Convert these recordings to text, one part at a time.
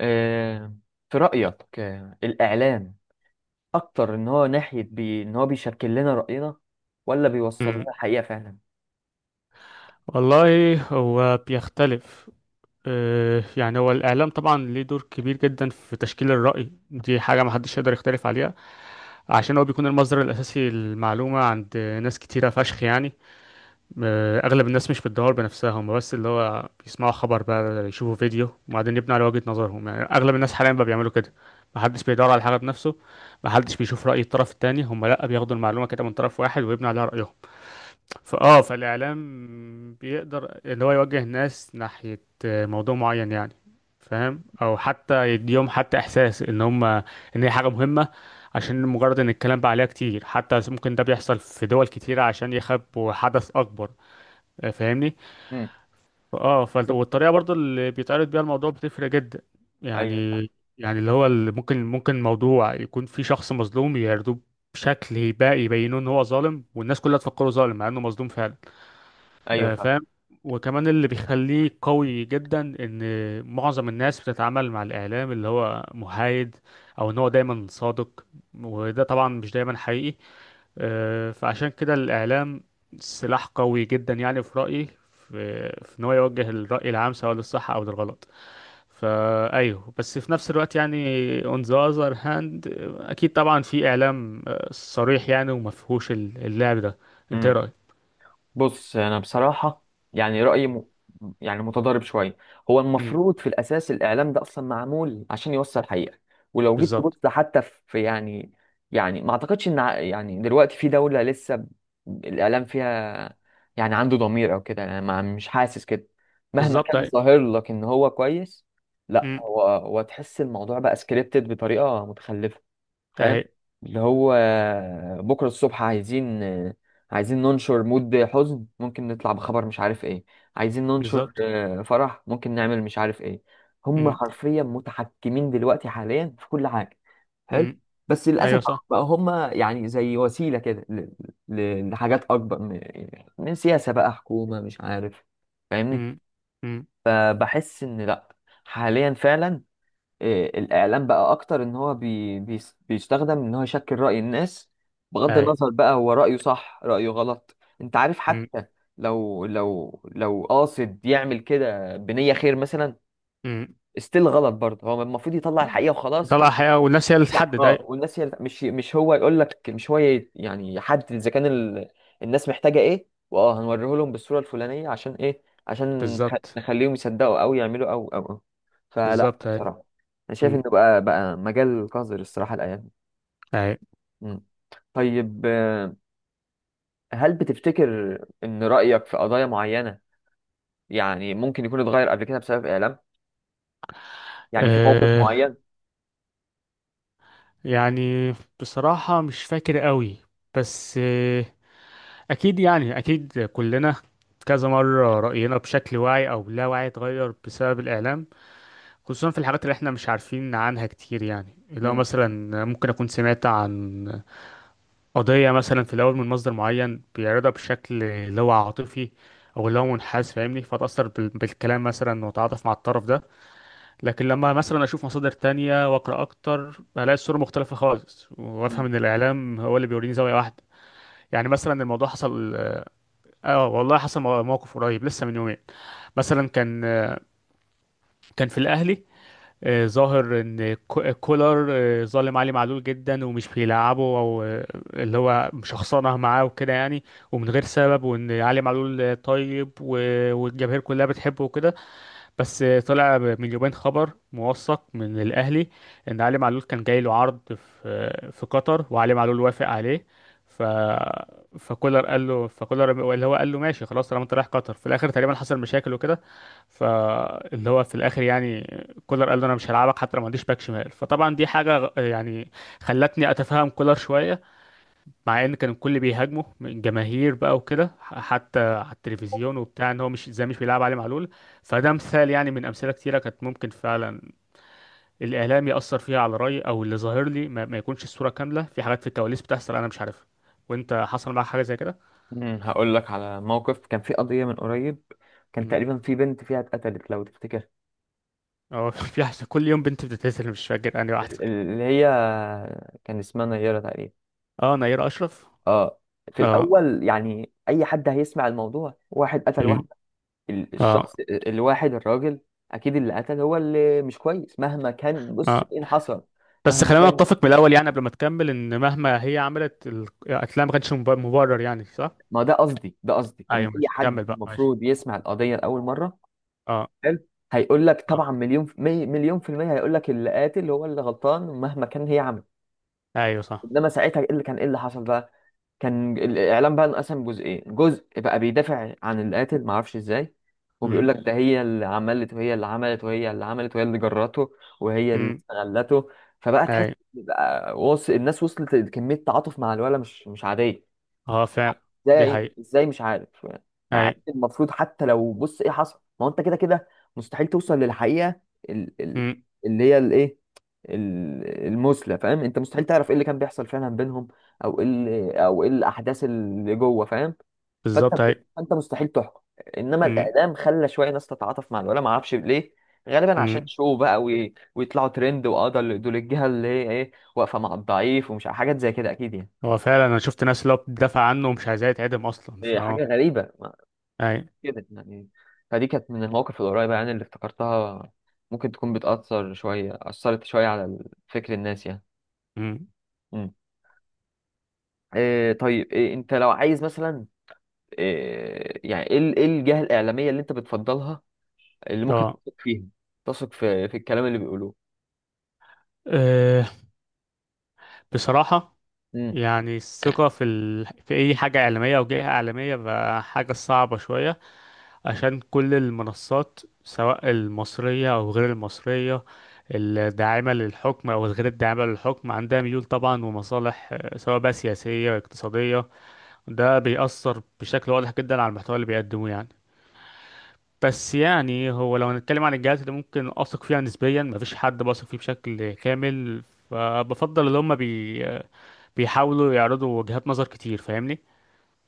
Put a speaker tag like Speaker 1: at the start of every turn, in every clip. Speaker 1: آه، في رأيك، الإعلام أكتر إن هو ناحية إن هو بيشكل لنا رأينا ولا بيوصل
Speaker 2: مم.
Speaker 1: لنا الحقيقة فعلا؟
Speaker 2: والله هو بيختلف. يعني هو الإعلام طبعا ليه دور كبير جدا في تشكيل الرأي، دي حاجة محدش يقدر يختلف عليها، عشان هو بيكون المصدر الأساسي للمعلومة عند ناس كتيرة فشخ أغلب الناس مش بتدور بنفسها، هم بس اللي هو بيسمعوا خبر بقى يشوفوا فيديو وبعدين يبنوا على وجهة نظرهم، يعني أغلب الناس حاليا بقى بيعملوا كده، محدش بيدور على حاجة بنفسه، محدش بيشوف رأي الطرف التاني، هم لأ بياخدوا المعلومة كده من طرف واحد ويبنوا عليها رأيهم. فالاعلام بيقدر اللي هو يوجه الناس ناحية موضوع معين، يعني فاهم، او حتى يديهم حتى احساس ان هم ان هي حاجة مهمة، عشان مجرد ان الكلام بقى عليها كتير، حتى ممكن ده بيحصل في دول كتيرة عشان يخبوا حدث اكبر، فاهمني.
Speaker 1: مم. بس.
Speaker 2: والطريقة برضو اللي بيتعرض بيها الموضوع بتفرق جدا يعني.
Speaker 1: أيوه،
Speaker 2: يعني اللي هو اللي ممكن ممكن موضوع يكون في شخص مظلوم يعرضوه بشكل يبقى يبينوه ان هو ظالم، والناس كلها تفكره ظالم مع انه مظلوم فعلا،
Speaker 1: أيوه.
Speaker 2: فاهم. وكمان اللي بيخليه قوي جدا ان معظم الناس بتتعامل مع الاعلام اللي هو محايد، او ان هو دايما صادق، وده طبعا مش دايما حقيقي. فعشان كده الاعلام سلاح قوي جدا يعني، في رايي، في ان هو يوجه الراي العام سواء للصح او للغلط. فايوه، بس في نفس الوقت يعني on the other hand، اكيد طبعا في اعلام صريح يعني ومفهوش اللعب ده. انت ايه
Speaker 1: فاهم.
Speaker 2: رايك؟
Speaker 1: بص، انا بصراحه يعني رايي يعني متضارب شويه. هو
Speaker 2: امم.
Speaker 1: المفروض في الاساس الاعلام ده اصلا معمول عشان يوصل حقيقه، ولو جيت
Speaker 2: بالظبط.
Speaker 1: تبص حتى في، يعني ما اعتقدش ان يعني دلوقتي في دوله لسه الاعلام فيها يعني عنده ضمير او كده. انا ما مش حاسس كده مهما
Speaker 2: بالظبط.
Speaker 1: كان ظاهر لك ان هو كويس. لا،
Speaker 2: أيوة.
Speaker 1: هو تحس الموضوع بقى سكريبتد بطريقه متخلفه. فاهم؟
Speaker 2: اهي.
Speaker 1: اللي هو بكرة الصبح عايزين، ننشر مود حزن، ممكن نطلع بخبر مش عارف ايه. عايزين ننشر
Speaker 2: بالظبط.
Speaker 1: فرح، ممكن نعمل مش عارف ايه. هم
Speaker 2: مم.
Speaker 1: حرفيا متحكمين دلوقتي حاليا في كل حاجة. حلو.
Speaker 2: مم.
Speaker 1: بس للأسف
Speaker 2: ايوه
Speaker 1: بقى
Speaker 2: صح.
Speaker 1: بقى هم يعني زي وسيلة كده، لحاجات أكبر من سياسة بقى حكومة مش عارف. فاهمني؟
Speaker 2: مم. مم.
Speaker 1: فبحس إن لأ، حاليا فعلا، الإعلام بقى أكتر إن هو بي بي بيستخدم إن هو يشكل رأي الناس، بغض
Speaker 2: اهي.
Speaker 1: النظر بقى هو رأيه صح رأيه غلط، أنت عارف.
Speaker 2: مم.
Speaker 1: حتى لو قاصد يعمل كده بنية خير مثلا،
Speaker 2: مم.
Speaker 1: استيل غلط برضه. هو المفروض يطلع الحقيقة وخلاص،
Speaker 2: طلع
Speaker 1: مش
Speaker 2: حقيقة والناس هي اللي
Speaker 1: يعني
Speaker 2: تحدد. اي
Speaker 1: والناس هي، مش هو يقول لك، مش هو يعني يحدد اذا كان الناس محتاجه ايه، واه هنوريه لهم بالصوره الفلانيه عشان ايه، عشان
Speaker 2: بالظبط.
Speaker 1: نخليهم يصدقوا او يعملوا. او او او فلا
Speaker 2: بالظبط. اهي.
Speaker 1: بصراحه، انا شايف
Speaker 2: مم.
Speaker 1: انه بقى مجال قذر الصراحه الايام دي.
Speaker 2: اهي.
Speaker 1: مم. طيب، هل بتفتكر ان رايك في قضايا معينه يعني ممكن يكون اتغير قبل كده بسبب اعلام، يعني في موقف
Speaker 2: أه،
Speaker 1: معين؟
Speaker 2: يعني بصراحة مش فاكر قوي، بس آه، اكيد يعني، كلنا كذا مرة رأينا بشكل واعي أو لا واعي اتغير بسبب الإعلام، خصوصا في الحاجات اللي احنا مش عارفين عنها كتير. يعني اللي هو مثلا ممكن أكون سمعت عن قضية مثلا في الأول من مصدر معين بيعرضها بشكل اللي هو عاطفي، أو اللي هو منحاز، فاهمني، بالكلام مثلا، وأتعاطف مع الطرف ده. لكن لما مثلا أشوف مصادر تانية وأقرأ أكتر، بلاقي الصورة مختلفة خالص، وأفهم
Speaker 1: مم.
Speaker 2: إن الإعلام هو اللي بيوريني زاوية واحدة. يعني مثلا الموضوع حصل، آه والله حصل موقف قريب لسه من يومين. مثلا كان كان في الأهلي، ظاهر ان كولر ظالم علي معلول جدا ومش بيلعبه، او اللي هو مشخصنه معاه وكده يعني، ومن غير سبب، وان علي معلول طيب، والجماهير كلها بتحبه وكده. بس طلع من يومين خبر موثق من الأهلي، إن علي معلول كان جاي له عرض في قطر، وعلي معلول وافق عليه. ف فكولر قال له فكولر اللي هو قال له ماشي خلاص طالما انت رايح قطر في الآخر، تقريبا حصل مشاكل وكده. فاللي هو في الآخر يعني كولر قال له أنا مش هلعبك حتى لو ما عنديش باك شمال. فطبعا دي حاجة يعني خلتني أتفهم كولر شوية، مع ان كان الكل بيهاجمه من الجماهير بقى وكده، حتى على التلفزيون وبتاع، ان هو مش بيلعب علي معلول. فده مثال يعني من امثله كتيره كانت ممكن فعلا الاعلام ياثر فيها على رايي، او اللي ظاهر لي ما يكونش الصوره كامله، في حاجات في الكواليس بتحصل انا مش عارفها. وانت حصل معاك حاجه زي كده؟
Speaker 1: هقول لك على موقف. كان في قضية من قريب، كان
Speaker 2: مم.
Speaker 1: تقريبا في بنت فيها اتقتلت، لو تفتكر.
Speaker 2: اه في حاجة كل يوم بنت بتتقتل، مش فاكر انهي واحده.
Speaker 1: ال- ال- اللي هي كان اسمها نيرة تقريبا.
Speaker 2: اه، نيره اشرف.
Speaker 1: اه. في
Speaker 2: اه.
Speaker 1: الأول يعني أي حد هيسمع الموضوع، واحد قتل
Speaker 2: مم.
Speaker 1: واحدة،
Speaker 2: اه.
Speaker 1: الواحد الراجل، أكيد اللي قتل هو اللي مش كويس مهما كان. بص
Speaker 2: اه،
Speaker 1: إيه اللي حصل.
Speaker 2: بس
Speaker 1: مهما
Speaker 2: خلينا
Speaker 1: كان،
Speaker 2: نتفق من الاول يعني قبل ما تكمل، ان مهما هي عملت القتلها ما كانش مبرر، يعني صح؟
Speaker 1: ما ده قصدي إن
Speaker 2: ايوه
Speaker 1: أي
Speaker 2: ماشي،
Speaker 1: حد
Speaker 2: كمل بقى، ماشي.
Speaker 1: المفروض يسمع القضية لأول مرة.
Speaker 2: اه.
Speaker 1: حلو؟ هيقول لك
Speaker 2: اه.
Speaker 1: طبعا مليون في مليون في المية، هيقول لك اللي قاتل هو اللي غلطان مهما كان هي عملت.
Speaker 2: ايوه صح.
Speaker 1: انما ساعتها، ايه اللي حصل بقى؟ كان الاعلام بقى انقسم جزئين، جزء بقى بيدافع عن القاتل، ما اعرفش ازاي،
Speaker 2: امم.
Speaker 1: وبيقول لك ده هي اللي عملت، وهي اللي عملت، وهي اللي عملت، وهي اللي جرته، وهي اللي
Speaker 2: امم.
Speaker 1: استغلته. فبقى تحس
Speaker 2: ايوه.
Speaker 1: بقى الناس وصلت لكمية تعاطف مع الولا مش عادية.
Speaker 2: اه فعلا.
Speaker 1: ازاي يا
Speaker 2: دي
Speaker 1: عيني،
Speaker 2: حقيقة.
Speaker 1: ازاي؟ مش عارف يعني. مع إن
Speaker 2: ايوه.
Speaker 1: المفروض حتى لو بص ايه حصل، ما هو انت كده كده مستحيل توصل للحقيقه، ال... ال...
Speaker 2: امم.
Speaker 1: اللي هي الايه المثلى، فاهم؟ انت مستحيل تعرف ايه اللي كان بيحصل فعلا بينهم، او ايه الاحداث اللي جوه، فاهم؟ فانت،
Speaker 2: بالظبط ايوه.
Speaker 1: مستحيل تحكم. انما
Speaker 2: امم.
Speaker 1: الاعلام خلى شويه ناس تتعاطف مع الولا، ما اعرفش ليه، غالبا عشان
Speaker 2: امم.
Speaker 1: شو بقى ويطلعوا ترند، واه ده دول الجهه اللي هي ايه واقفه مع الضعيف ومش حاجات زي كده، اكيد يعني.
Speaker 2: هو فعلا انا شفت ناس اللي هو بتدافع عنه ومش عايزاه يتعدم اصلا، فاه.
Speaker 1: حاجه غريبه
Speaker 2: ايوه.
Speaker 1: كده يعني. فدي كانت من المواقف القريبة يعني اللي افتكرتها، ممكن تكون بتأثر شوية، أثرت شوية على فكر الناس يعني.
Speaker 2: امم.
Speaker 1: مم. طيب، أنت لو عايز مثلا، إيه يعني إيه ال- إيه الجهة الإعلامية اللي أنت بتفضلها، اللي ممكن
Speaker 2: اه.
Speaker 1: تثق فيها، تثق في الكلام اللي بيقولوه.
Speaker 2: آه، بصراحة
Speaker 1: مم.
Speaker 2: يعني، الثقة في ال... في أي حاجة إعلامية أو جهة إعلامية بقى حاجة صعبة شوية، عشان كل المنصات سواء المصرية أو غير المصرية، الداعمة للحكم أو الغير الداعمة للحكم، عندها ميول طبعا ومصالح، سواء بقى سياسية اقتصادية. ده بيأثر بشكل واضح جدا على المحتوى اللي بيقدموه يعني. بس يعني هو لو هنتكلم عن الجهات اللي ممكن أثق فيها نسبيا، مفيش حد بثق فيه بشكل كامل. فبفضل اللي هم بي بيحاولوا يعرضوا وجهات نظر كتير، فاهمني،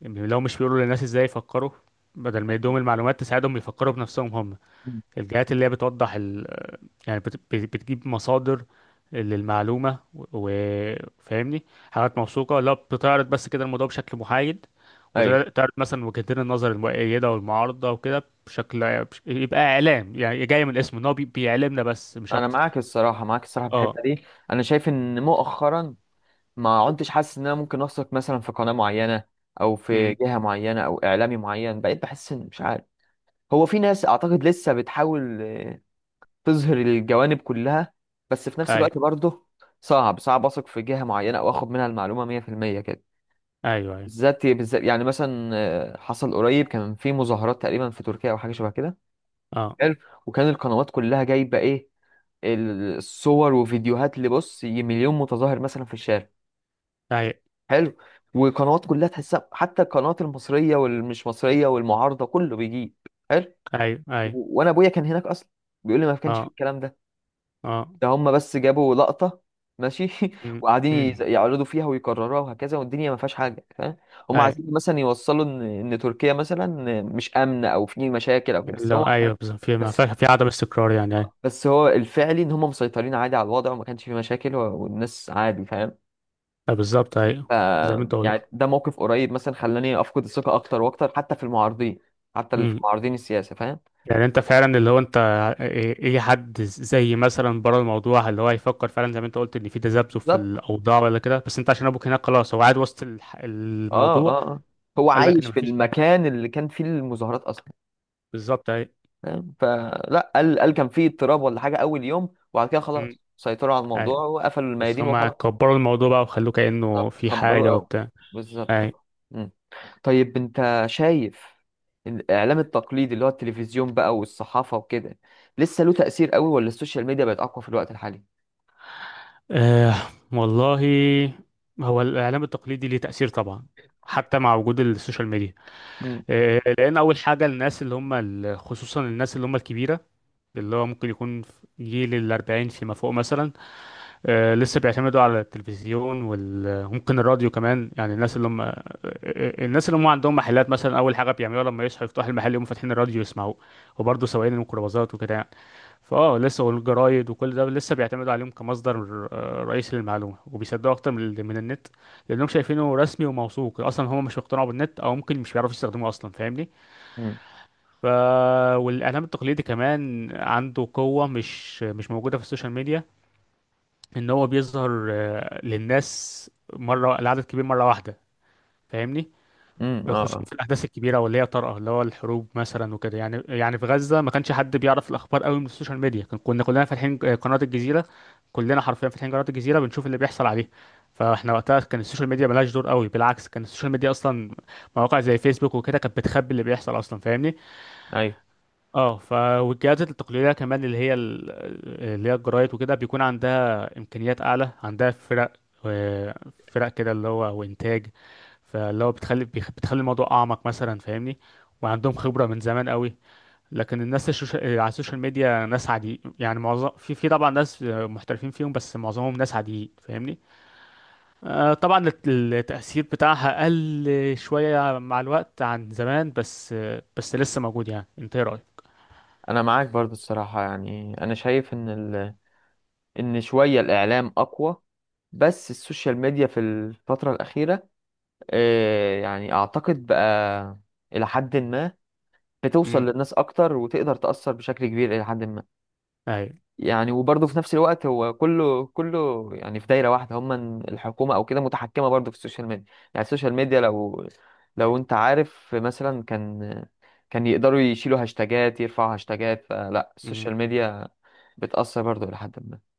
Speaker 2: لو مش بيقولوا للناس ازاي يفكروا، بدل ما يدوهم
Speaker 1: مم.
Speaker 2: المعلومات تساعدهم يفكروا بنفسهم هم.
Speaker 1: مم.
Speaker 2: الجهات اللي هي بتوضح ال... يعني بتجيب مصادر للمعلومة، وفاهمني، حاجات موثوقة، لا بتعرض بس كده الموضوع بشكل محايد،
Speaker 1: أيوه.
Speaker 2: وتعرض مثلا وجهتين النظر المؤيدة والمعارضة وكده، يبقى إعلام يعني جاي من الاسم، إن هو بيعلمنا بس مش
Speaker 1: أنا
Speaker 2: أكتر.
Speaker 1: معاك الصراحة، في
Speaker 2: اه.
Speaker 1: الحتة دي. أنا شايف إن مؤخرا ما عدتش حاسس إن أنا ممكن أثق مثلا في قناة معينة، أو في
Speaker 2: امم.
Speaker 1: جهة معينة، أو إعلامي معين. بقيت بحس إن مش عارف. هو في ناس اعتقد لسه بتحاول، تظهر الجوانب كلها، بس في نفس
Speaker 2: أيوه.
Speaker 1: الوقت برضه صعب اثق في جهة معينة او اخد منها المعلومة 100% كده،
Speaker 2: أيوه. أيوه.
Speaker 1: بالذات بالذات يعني مثلا. حصل قريب كان في مظاهرات تقريبا في تركيا او حاجة شبه كده.
Speaker 2: اه.
Speaker 1: حلو. وكان القنوات كلها جايبة ايه، الصور وفيديوهات، اللي بص مليون متظاهر مثلا في الشارع.
Speaker 2: أيوه.
Speaker 1: حلو. والقنوات كلها تحسها، حتى القنوات المصرية والمش مصرية والمعارضة، كله بيجيب. حلو.
Speaker 2: أيوه. أيوه.
Speaker 1: وانا ابويا كان هناك اصلا، بيقول لي ما كانش في
Speaker 2: اه.
Speaker 1: الكلام ده.
Speaker 2: اه.
Speaker 1: هم بس جابوا لقطة ماشي.
Speaker 2: م-
Speaker 1: وقاعدين
Speaker 2: م.
Speaker 1: يعرضوا فيها ويكرروها وهكذا، والدنيا ما فيهاش حاجة، فاهم؟ هم
Speaker 2: ايوه.
Speaker 1: عايزين مثلا يوصلوا ان، تركيا مثلا مش آمنة او في مشاكل او كده، بس
Speaker 2: لو
Speaker 1: هم.
Speaker 2: ايوه بالظبط، في ما
Speaker 1: بس
Speaker 2: فيها في عدم استقرار، يعني ايوه.
Speaker 1: بس هو الفعلي ان هم مسيطرين عادي على الوضع، وما كانش في مشاكل، والناس عادي، فاهم؟
Speaker 2: بالظبط
Speaker 1: ف
Speaker 2: ايوه. زي ما انت قلت.
Speaker 1: يعني ده موقف قريب مثلا خلاني افقد الثقة اكتر واكتر، حتى في المعارضين، حتى اللي في
Speaker 2: م.
Speaker 1: معارضين السياسة، فاهم؟
Speaker 2: يعني انت فعلا اللي هو انت ايه، إيه حد زي مثلا بره الموضوع اللي هو يفكر فعلا زي ما انت قلت ان في تذبذب في
Speaker 1: بالظبط.
Speaker 2: الاوضاع ولا كده، بس انت عشان ابوك هناك خلاص هو قاعد وسط
Speaker 1: اه،
Speaker 2: الموضوع،
Speaker 1: اه، آه. هو
Speaker 2: قال لك ان
Speaker 1: عايش في
Speaker 2: مفيش حاجه.
Speaker 1: المكان اللي كان فيه المظاهرات اصلا،
Speaker 2: بالظبط ايوه.
Speaker 1: فاهم؟ فلا، قال كان في اضطراب ولا حاجه اول يوم، وبعد كده
Speaker 2: م.
Speaker 1: خلاص سيطروا على
Speaker 2: ايوه.
Speaker 1: الموضوع وقفلوا
Speaker 2: بس
Speaker 1: الميادين
Speaker 2: هم
Speaker 1: وخلاص.
Speaker 2: كبروا الموضوع بقى وخلوه كانه
Speaker 1: طب
Speaker 2: في
Speaker 1: كبروا
Speaker 2: حاجه
Speaker 1: قوي،
Speaker 2: وبتاع. ايوه.
Speaker 1: بالظبط. مم. طيب، انت شايف إن الاعلام التقليدي اللي هو التلفزيون بقى والصحافه وكده لسه له تاثير قوي، ولا السوشيال ميديا بقت اقوى في الوقت الحالي؟
Speaker 2: آه والله، هو الإعلام التقليدي ليه تأثير طبعا، حتى مع وجود السوشيال ميديا.
Speaker 1: امم،
Speaker 2: آه، لأن أول حاجة الناس اللي هم ال- خصوصا الناس اللي هم الكبيرة، اللي هو ممكن يكون في جيل الأربعين فيما فوق مثلا، لسه بيعتمدوا على التلفزيون وممكن الراديو كمان، يعني الناس اللي هم الناس اللي هم عندهم محلات مثلا، اول حاجه بيعملوها لما يصحوا يفتحوا المحل يقوموا فاتحين الراديو يسمعوه، وبرضه سواقين الميكروباصات وكده يعني. لسه والجرايد وكل ده لسه بيعتمدوا عليهم كمصدر رئيسي للمعلومه، وبيصدقوا اكتر من النت، لانهم شايفينه رسمي وموثوق، اصلا هم مش مقتنعوا بالنت او ممكن مش بيعرفوا يستخدموه اصلا، فاهمني.
Speaker 1: امم،
Speaker 2: ف والاعلام التقليدي كمان عنده قوه مش موجوده في السوشيال ميديا، ان هو بيظهر للناس مره لعدد كبير مره واحده، فاهمني،
Speaker 1: امم، اه،
Speaker 2: خصوصا
Speaker 1: اه،
Speaker 2: في الاحداث الكبيره واللي هي طارئه، اللي هو الحروب مثلا وكده يعني. يعني في غزه ما كانش حد بيعرف الاخبار قوي من السوشيال ميديا، كنا كلنا فاتحين قناه الجزيره، كلنا حرفيا فاتحين قناه الجزيره بنشوف اللي بيحصل عليه. فاحنا وقتها كان السوشيال ميديا ملهاش دور قوي، بالعكس كان السوشيال ميديا اصلا مواقع زي فيسبوك وكده كانت بتخبي اللي بيحصل اصلا، فاهمني.
Speaker 1: ايوه.
Speaker 2: اه والجهات التقليديه كمان، اللي هي ال- اللي هي الجرايد وكده، بيكون عندها امكانيات اعلى، عندها فرق و- فرق كده اللي هو وانتاج، فاللي هو بتخلي الموضوع اعمق مثلا، فاهمني، وعندهم خبره من زمان قوي. لكن الناس على السوشيال ميديا ناس عادي يعني، معظم في طبعا ناس محترفين فيهم بس معظمهم ناس عاديين، فاهمني. طبعا التأثير بتاعها قل شوية مع الوقت عن زمان، بس بس لسه موجود يعني. انت ايه رأيك؟
Speaker 1: انا معاك برضو الصراحه، يعني انا شايف ان ان شويه الاعلام اقوى، بس السوشيال ميديا في الفتره الاخيره، يعني اعتقد بقى الى حد ما بتوصل للناس اكتر وتقدر تأثر بشكل كبير الى حد ما.
Speaker 2: امم.
Speaker 1: يعني وبرضه في نفس الوقت هو كله كله يعني في دايرة واحدة، هم الحكومة او كده متحكمة برضه في السوشيال ميديا. يعني السوشيال ميديا لو، انت عارف مثلا، كان يقدروا يشيلوا هاشتاجات، يرفعوا هاشتاجات، فلا
Speaker 2: مم.
Speaker 1: السوشيال ميديا بتأثر برضه الى حد ما